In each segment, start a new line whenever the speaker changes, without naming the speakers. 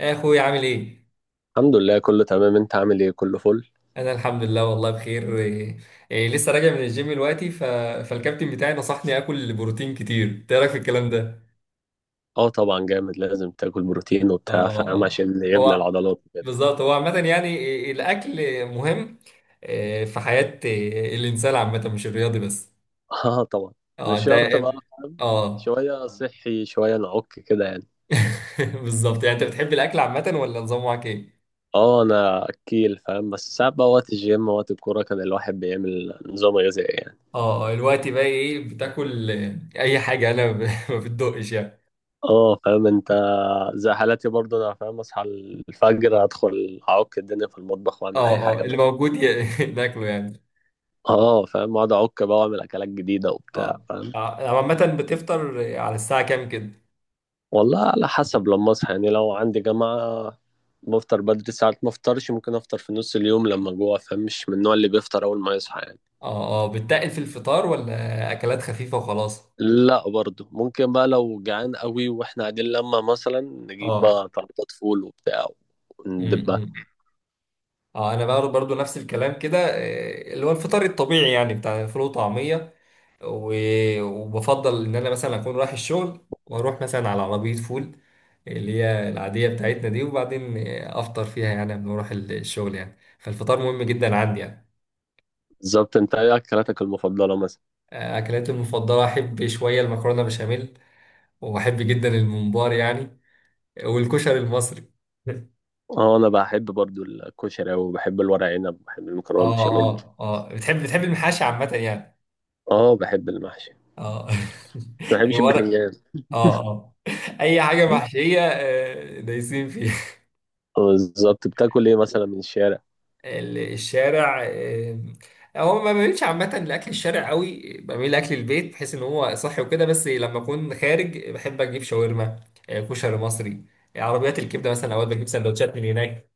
يا اخوي، عامل ايه؟
الحمد لله، كله تمام. انت عامل ايه؟ كله فل.
انا الحمد لله، والله بخير. لسه راجع من الجيم دلوقتي، فالكابتن بتاعي نصحني اكل بروتين كتير. إنت ايه رايك في الكلام ده؟
اه، طبعا جامد. لازم تاكل بروتين
اه،
وبتاع،
اه،
فاهم؟
اه.
عشان يبني
هو
العضلات كده.
بالظبط. هو عامه، يعني إيه، الاكل مهم في حياه الانسان عامه، مش الرياضي بس.
اه، طبعا.
اه،
مش
انت.
شرط بقى، فاهم؟
اه.
شوية صحي شوية نعك كده يعني.
بالظبط، يعني انت بتحب الاكل عامه، ولا نظام، معاك ايه؟
اه، انا اكيل فاهم. بس ساعات بقى وقت الجيم وقت الكورة كان الواحد بيعمل نظام غذائي يعني.
اه. الوقت بقى ايه بتاكل؟ اي حاجه، ما بتدقش يعني.
اه، فاهم انت. زي حالاتي برضه، انا فاهم، اصحى الفجر ادخل اعك الدنيا في المطبخ واعمل
اه،
اي حاجة
اه، اللي
بقى.
موجود ناكله يعني.
اه، فاهم. اقعد اعك بقى واعمل اكلات جديدة وبتاع،
اه.
فاهم؟
عامة بتفطر على الساعة كام كده؟
والله على حسب لما اصحى يعني، لو عندي جامعة. بفطر بدري. ساعات ما افطرش، ممكن افطر في نص اليوم لما جوع، فاهم؟ مش من النوع اللي بيفطر اول ما يصحى يعني.
اه، اه، بتتقل في الفطار ولا أكلات خفيفة وخلاص؟
لا، برضه ممكن بقى لو جعان قوي واحنا قاعدين، لما مثلا نجيب
اه.
بقى طلبات فول وبتاع وندبها.
امم. اه، انا بقى برضو نفس الكلام كده، اللي هو الفطار الطبيعي، يعني بتاع فول وطعمية. وبفضل ان انا مثلا اكون رايح الشغل، واروح مثلا على عربية فول اللي هي العادية بتاعتنا دي، وبعدين افطر فيها يعني قبل ما اروح الشغل يعني. فالفطار مهم جدا عندي يعني.
بالظبط. انت ايه اكلاتك المفضلة مثلا؟
اكلاتي المفضلة، احب شوية المكرونة بشاميل، وبحب جدا الممبار يعني، والكشري المصري.
اه، انا بحب برضه الكشري اوي، وبحب الورق عنب، وبحب المكرونة
اه،
بشاميل.
اه، اه، بتحب المحاشي عامة يعني.
اه، بحب المحشي.
اه.
ما بحبش
ورق.
البتنجان.
اه، اه، اي حاجة محشية دايسين فيها.
بالظبط. بتاكل ايه مثلا من الشارع؟
الشارع. هو ما بميلش عامة لأكل الشارع قوي، بميل لأكل البيت بحيث إن هو صحي وكده، بس لما أكون خارج بحب أجيب شاورما، كشري مصري، عربيات الكبدة مثلا أوقات بجيب سندوتشات من هناك.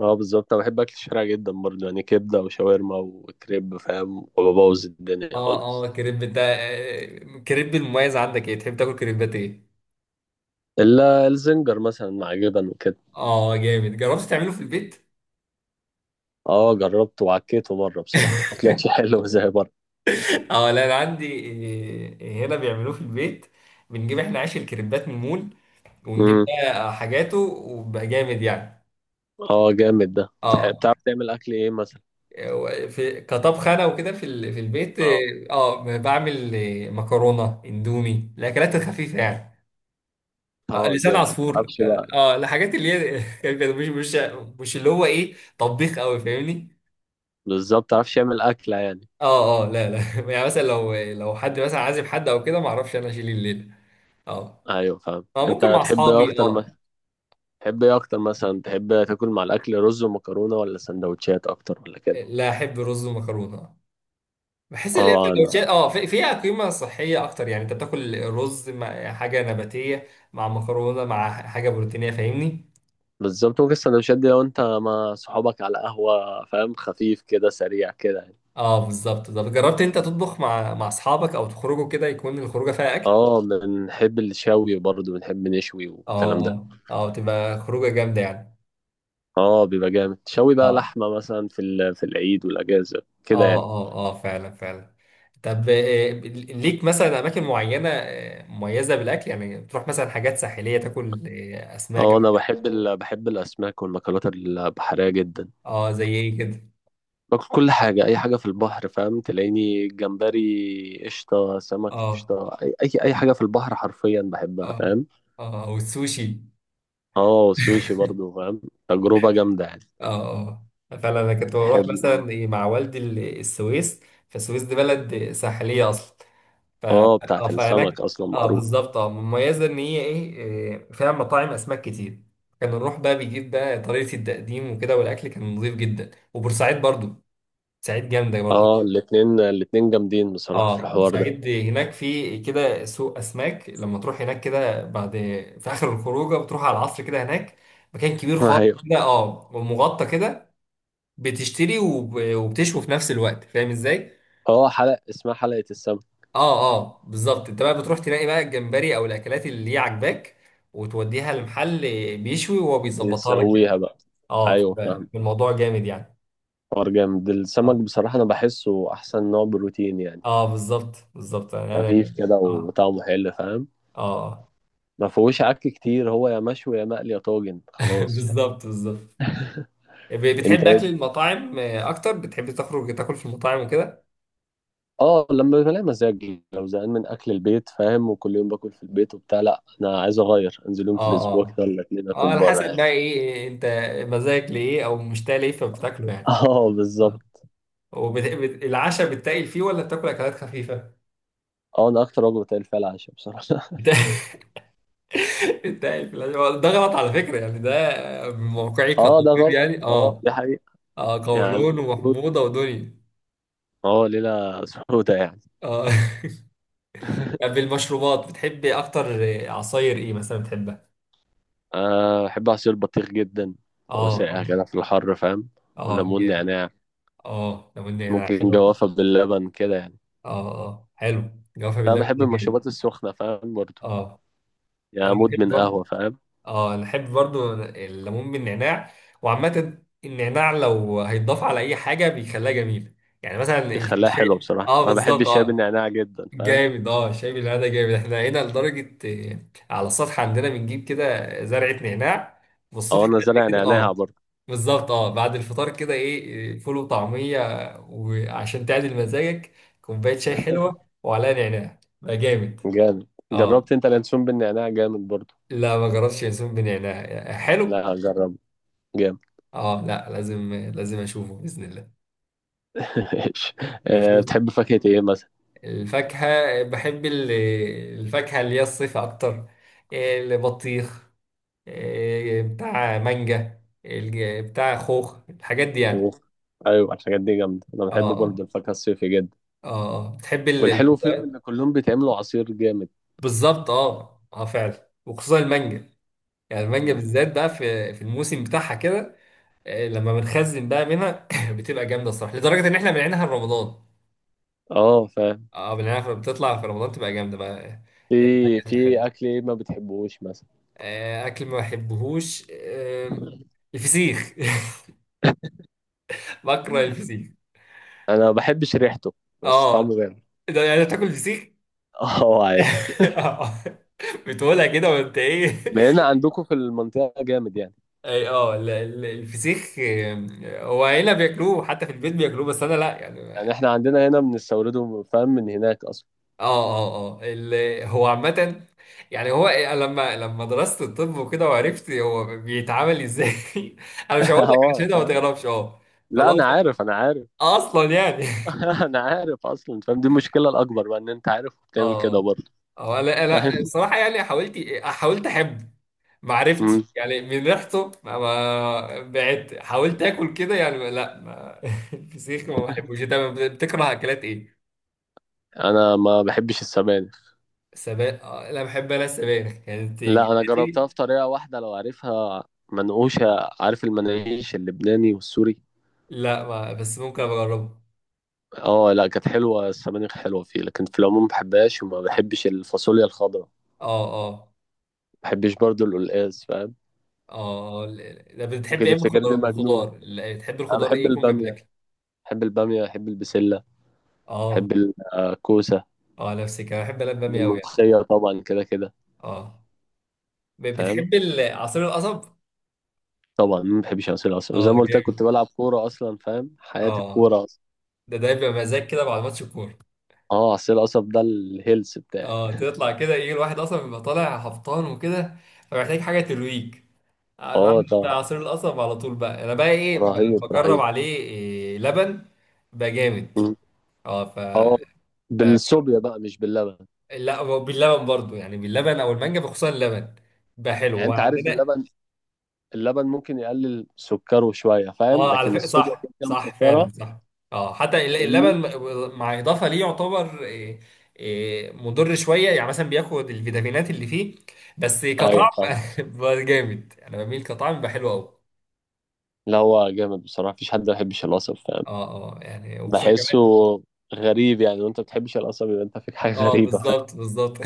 اه، بالظبط. انا بحب اكل الشارع جدا برضه يعني، كبده وشاورما وكريب، فاهم؟ وببوظ الدنيا
اه، اه،
خالص.
كريب ده. كريب المميز عندك ايه؟ تحب تاكل كريبات ايه؟
الا الزنجر مثلا مع جبن وكده.
اه جامد، جربت تعمله في البيت؟
اه، جربته وعكيته مره بصراحه ما طلعش حلو زي بره.
اه، لا انا عندي هنا بيعملوه في البيت. بنجيب احنا عيش الكريبات من المول، ونجيب
امم.
بقى حاجاته، وبقى جامد يعني.
اه، جامد ده.
اه.
بتعرف تعمل اكل ايه مثلا؟
في كطبخ انا وكده في في البيت.
اه،
اه، بعمل مكرونه اندومي، الاكلات الخفيفه يعني.
اه،
لسان
جامد.
عصفور.
متعرفش بقى.
الحاجات اللي هي خفيفة، مش اللي هو طبيخ قوي، فاهمني.
بالظبط. متعرفش تعمل اكله يعني؟
اه، اه، لا، لا. يعني مثلا لو حد مثلا عازم حد او كده، ما اعرفش انا اشيل الليله. اه،
ايوه، فاهم.
فممكن
انت
مع
تحب ايه
اصحابي.
اكتر ما
اه.
تحب ايه اكتر مثلا، تحب تاكل مع الاكل رز ومكرونه ولا سندوتشات اكتر ولا كده؟
لا، احب رز ومكرونه. بحس ان هي
اه
سندوتشات
انا
فيها قيمه صحيه اكتر. يعني انت بتاكل رز مع حاجه نباتيه، مع مكرونه، مع حاجه بروتينيه، فاهمني.
بالظبط. ممكن السندوتشات دي لو انت مع صحابك على قهوة، فاهم؟ خفيف كده سريع كده يعني.
اه، بالظبط. طب جربت انت تطبخ مع اصحابك، او تخرجوا كده يكون الخروجه فيها اكل؟
اه، بنحب الشوي برضه، بنحب نشوي والكلام
اه،
ده.
اه، تبقى خروجه جامده يعني.
اه، بيبقى جامد. شوي بقى
اه،
لحمة مثلا في العيد والأجازة كده
اه،
يعني.
اه، اه، فعلا فعلا. طب ليك مثلا اماكن معينه مميزه بالاكل؟ يعني بتروح مثلا حاجات ساحليه تاكل اسماك.
اه، انا بحب بحب الأسماك والمأكولات البحرية جدا.
اه، زي ايه كده؟
باكل كل حاجة، أي حاجة في البحر، فاهم؟ تلاقيني جمبري قشطة، سمك
اه،
قشطة، أي حاجة في البحر حرفيا بحبها،
اه،
فاهم؟
اه، والسوشي.
اه، والسوشي برضه، فاهم؟ تجربة جامدة يعني.
اه، اه، فعلا. انا كنت بروح
بحب.
مثلا مع والدي السويس. فالسويس دي بلد ساحليه اصلا، ف
اه،
اه
بتاعت السمك
فهناك.
اصلا
اه،
معروف.
بالظبط. اه مميزه ان هي ايه إيه، فيها مطاعم اسماك كتير. كنا نروح بقى، بيجيب بقى طريقه التقديم وكده، والاكل كان نظيف جدا. وبورسعيد برضو، بورسعيد جامده برضو.
اه، الاتنين الاتنين جامدين بصراحة في
اه،
الحوار ده.
بورسعيد هناك في كده سوق اسماك. لما تروح هناك كده، بعد في اخر الخروجه بتروح على العصر كده هناك، مكان كبير خالص
ايوه.
كده، ومغطى كده. بتشتري وبتشوي في نفس الوقت، فاهم ازاي؟
اه، حلقة اسمها حلقة السمك.
اه، اه، بالظبط، انت بقى بتروح تلاقي بقى الجمبري او الاكلات اللي هي عاجباك، وتوديها لمحل بيشوي، وهو بيظبطها لك
يسويها
يعني.
بقى.
اه.
ايوه، فاهم.
الموضوع جامد يعني.
حوار جامد. السمك
اه،
بصراحة انا بحسه احسن نوع بروتين يعني.
اه، بالظبط، بالظبط.
خفيف
يعني.
كده
اه.
وطعمه حلو، فاهم؟
اه،
ما فيهوش عك كتير، هو يا مشوي يا مقلي يا طاجن خلاص، فاهم؟
بالظبط، بالظبط.
انت
بتحب
إيه؟
اكل المطاعم اكتر؟ بتحب تخرج تاكل في المطاعم وكده؟
اه، لما بلاقي مزاج لو زهقان من اكل البيت فاهم، وكل يوم باكل في البيت وبتاع، لا انا عايز اغير، انزل يوم في
اه،
الاسبوع
اه،
كده ولا اتنين
اه،
اكل
على
بره
حسب
يعني.
بقى ايه انت، مزاجك لايه، او مشتاق لايه فبتاكله يعني.
اه،
آه.
بالظبط.
والعشاء بتتقل فيه، ولا بتاكل اكلات خفيفه؟
اه، ده اكتر وجبه قليل فيها العشاء بصراحه.
بت- بتتقل في العشاء ده غلط على فكره يعني، ده آه، من موقعي
اه، ده
كطبيب
غلط.
يعني.
اه،
اه،
دي حقيقه.
اه،
يعني
قولون
المفروض.
وحموضه ودنيا.
اه، ليله سودة يعني.
اه. طب المشروبات بتحب اكتر؟ عصاير ايه مثلا بتحبها؟
أه، بحب عصير البطيخ جدا. هو
اه، اه،
ساقع كده في الحر، فاهم؟
اه
والليمون
جامد.
نعناع.
اه، لو ان هنا
ممكن
حلو.
جوافة باللبن كده يعني.
اه، اه، حلو. جوافة
أنا
باللبن
بحب
ده جامد.
المشروبات السخنة فاهم برضه.
اه،
يعني
انا بحب
مدمن
برضه.
قهوة، فاهم؟
اه، انا بحب برضه الليمون بالنعناع. وعامة النعناع لو هيتضاف على اي حاجة بيخليها جميلة، يعني مثلا
بيخليها حلوة
الشاي.
بصراحة.
اه
أنا بحب
بالظبط.
الشاي
اه
بالنعناع جدا، فاهم؟
جامد، اه، الشاي بالنعناع ده جامد. احنا هنا لدرجة، آه، على السطح عندنا بنجيب كده زرعة نعناع،
أو
والصبح
أنا
بدري
زارع
كده. اه،
نعناع برضه.
بالظبط. اه، بعد الفطار كده، ايه آه، فول وطعمية، وعشان تعدل مزاجك كوباية شاي حلوة وعليها نعناع، بقى جامد.
جامد.
اه،
جربت أنت اليانسون بالنعناع؟ جامد برضه.
لا ما جربتش. ينسون بن يعناع حلو.
لا، جرب. جامد.
اه، لا، لازم لازم اشوفه باذن الله.
ماشي. أه،
بشوف.
بتحب فاكهة إيه؟
الفاكهه، بحب الفاكهه اللي هي الصيف اكتر. البطيخ، بتاع مانجا، بتاع خوخ، الحاجات دي يعني.
أوف. ايوه، الحاجات دي جامده. انا
اه،
بحب
اه،
برضه الفاكهه الصيفي جدا.
اه، اه. بتحب
والحلو فيهم
البرتقال؟
ان كلهم بيتعملوا عصير جامد.
بالظبط، اه، اه، فعلا، وخصوصا المانجا. يعني المانجا
مم.
بالذات بقى في الموسم بتاعها كده. لما بنخزن بقى منها، بتبقى جامده الصراحه، لدرجه ان احنا بنعينها رمضان.
اه، فاهم.
اه، بالعنب بتطلع في رمضان، تبقى جامده بقى.
في
أكل
في
حلو.
اكل ايه ما بتحبوش مثلا؟
اكل ما بحبهوش، الفسيخ. بكره الفسيخ.
انا ما بحبش ريحته. بس
اه،
طعمه جامد.
ده يعني بتاكل فسيخ؟
اه، عادي.
آه. بتقولها كده، وانت ايه؟
بقينا عندكم في المنطقه جامد يعني.
اي، الفسيخ، هو هنا بياكلوه، حتى في البيت بياكلوه، بس انا لا يعني.
يعني احنا عندنا هنا بنستورده فاهم، من هناك اصلا.
اه، اه، اه، هو عامة، يعني هو أنا لما درست الطب وكده، وعرفت هو بيتعامل ازاي. انا مش هقول لك عشان
اه،
انت ما
فاهم.
تعرفش. اه
لا،
خلاص،
انا عارف انا عارف.
اصلا يعني.
انا عارف اصلا، فاهم؟ دي المشكله الاكبر بقى، ان انت عارف وبتعمل كده
اه،
برضه.
اه، لا، لا.
فاهم.
الصراحة يعني حاولت، احب. ما عرفتش
مم.
يعني، من ريحته بعدت. حاولت اكل كده يعني، لا ما، الفسيخ ما بحبوش. انت بتكره اكلات ايه؟
انا ما بحبش السبانخ.
سبانخ؟ لا، بحب انا السبانخ، كانت
لا، انا جربتها
جدتي.
في طريقه واحده لو عارفها. منقوشه. عارف المناقيش اللبناني والسوري؟
لا ما، بس ممكن أبقى اجربه.
اه لا، كانت حلوه، السبانخ حلوه فيه لكن في العموم ما بحبهاش، وما بحبش الفاصوليا الخضراء، ما
اه، اه،
بحبش برضو القلقاس، فاهم؟
اه، طب بتحب
ممكن
ايه من
تفتكرني
الخضار؟ من
مجنون.
الخضار، بتحب
انا
الخضار
بحب
ايه يكون جنب
الباميه.
الاكل؟
بحب الباميه، بحب البسله.
اه،
بحب الكوسه.
اه، نفسي كمان، بحب انا
بحب
الباميه قوي يعني.
الملوخيه طبعا كده كده.
اه.
فاهم.
بتحب عصير القصب؟
طبعا، ما بحبش عصير القصب زي
اه
ما قلت لك، كنت
جامد.
بلعب كوره اصلا، فاهم؟ حياتي
اه،
الكوره اصلا.
ده بيبقى مزاج كده بعد ماتش الكوره.
اه، عصير القصب ده الهيلث بتاعي.
اه، تطلع كده يجي الواحد، اصلا بيبقى طالع هبطان وكده، فمحتاج حاجه ترويج. ده
اه، ده
بتاع عصير القصب على طول بقى. انا بقى ايه
رهيب
بجرب
رهيب.
عليه لبن، بقى جامد. اه.
اه، بالصوبيا بقى مش باللبن.
لا، هو باللبن برضو يعني، باللبن او المانجا، بخصوصا اللبن، بقى حلو
يعني انت عارف
وعندنا.
اللبن. اللبن ممكن يقلل سكره شويه، فاهم؟
اه، على
لكن
فكره،
الصوبيا
صح
كده كده
صح، فعلا
مسكره.
صح. اه، حتى
فاهمني؟
اللبن مع اضافه ليه، يعتبر إيه إيه مضر شويه، يعني مثلا بياخد الفيتامينات اللي فيه، بس
ايوه،
كطعم
فاهم.
بقى جامد. انا بميل، كطعم بقى حلو قوي.
لا، هو جامد بصراحه، مفيش حد ما بيحبش القصب، فاهم؟
اه، اه، يعني وخصوصا
بحسه
كمان.
غريب يعني، وانت ما بتحبش القصب يبقى انت فيك حاجه
اه،
غريبه، فاهم؟
بالظبط، بالظبط.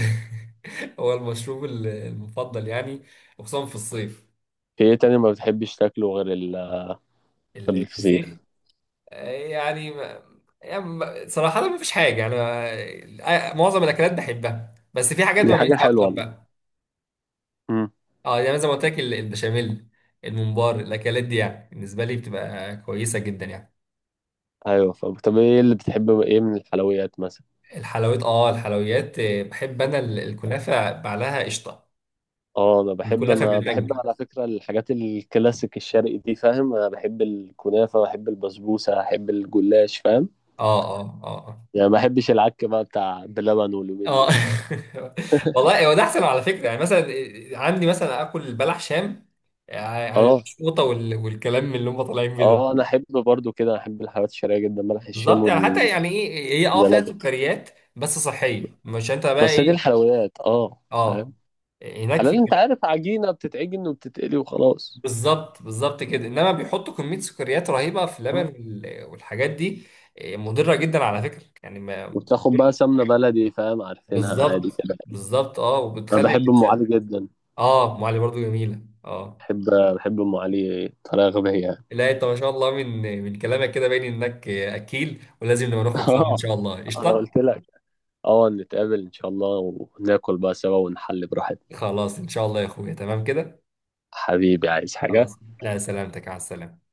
هو المشروب المفضل يعني، وخصوصا في الصيف.
في ايه تاني ما بتحبش تاكله غير غير
الفسيخ.
الفسيخ؟
يعني ما- يعني صراحة ما فيش حاجة يعني. معظم الأكلات بحبها، بس في حاجات
دي حاجه
بميزها
حلوه
أكتر
والله.
بقى.
امم.
اه، يعني زي ما قلت لك، البشاميل، الممبار، الأكلات دي يعني بالنسبة لي بتبقى كويسة جدا يعني.
ايوه، فاهم. طب ايه اللي بتحبه ايه من الحلويات مثلا؟
الحلويات، بحب أنا الكنافة بعلاها قشطة،
اه، انا بحب
الكنافة
انا بحب
بالمانجا.
على فكره الحاجات الكلاسيك الشرقي دي، فاهم؟ انا بحب الكنافه، بحب البسبوسه، بحب الجلاش، فاهم؟
اه، اه، اه،
يعني ما بحبش العك بقى بتاع بلبن واليومين
اه.
دول.
آه. والله هو ده أحسن على فكرة، يعني مثلا عندي مثلا آكل البلح شام، يعني عن
اه،
الشوطة والكلام اللي هم طالعين بيه ده.
اه، انا احب برضو كده، احب الحلويات الشرقيه جدا، ملح الشام
بالظبط، يعني حتى
والزلابيه.
يعني ايه، هي فيها سكريات، بس صحيه، مش انت بقى
بس دي
ايه.
الحلويات اه فاهم.
اه، هناك
على
في
اللي انت عارف، عجينه بتتعجن وبتتقلي وخلاص.
بالظبط، بالظبط كده، انما بيحطوا كميه سكريات رهيبه في اللبن
آه.
والحاجات دي. مضره جدا على فكره يعني، ما
وبتاخد بقى سمنه بلدي، فاهم؟ عارفينها عادي
بالظبط،
كده.
بالظبط. اه
انا
وبتخلي
بحب ام علي
اللسان.
جدا.
اه، معلي برضو جميله. اه،
بحب. بحب ام علي بطريقه غبيه.
لا انت ما شاء الله، من كلامك كده باين انك اكيل، ولازم نبقى
اه.
نخرج سوا ان شاء الله،
انا
قشطه.
قلت لك. اه، نتقابل ان شاء الله. وناكل بقى سوا ونحل براحتنا.
خلاص ان شاء الله يا اخويا، تمام كده.
حبيبي عايز حاجة؟
خلاص، لا سلامتك، على السلامه.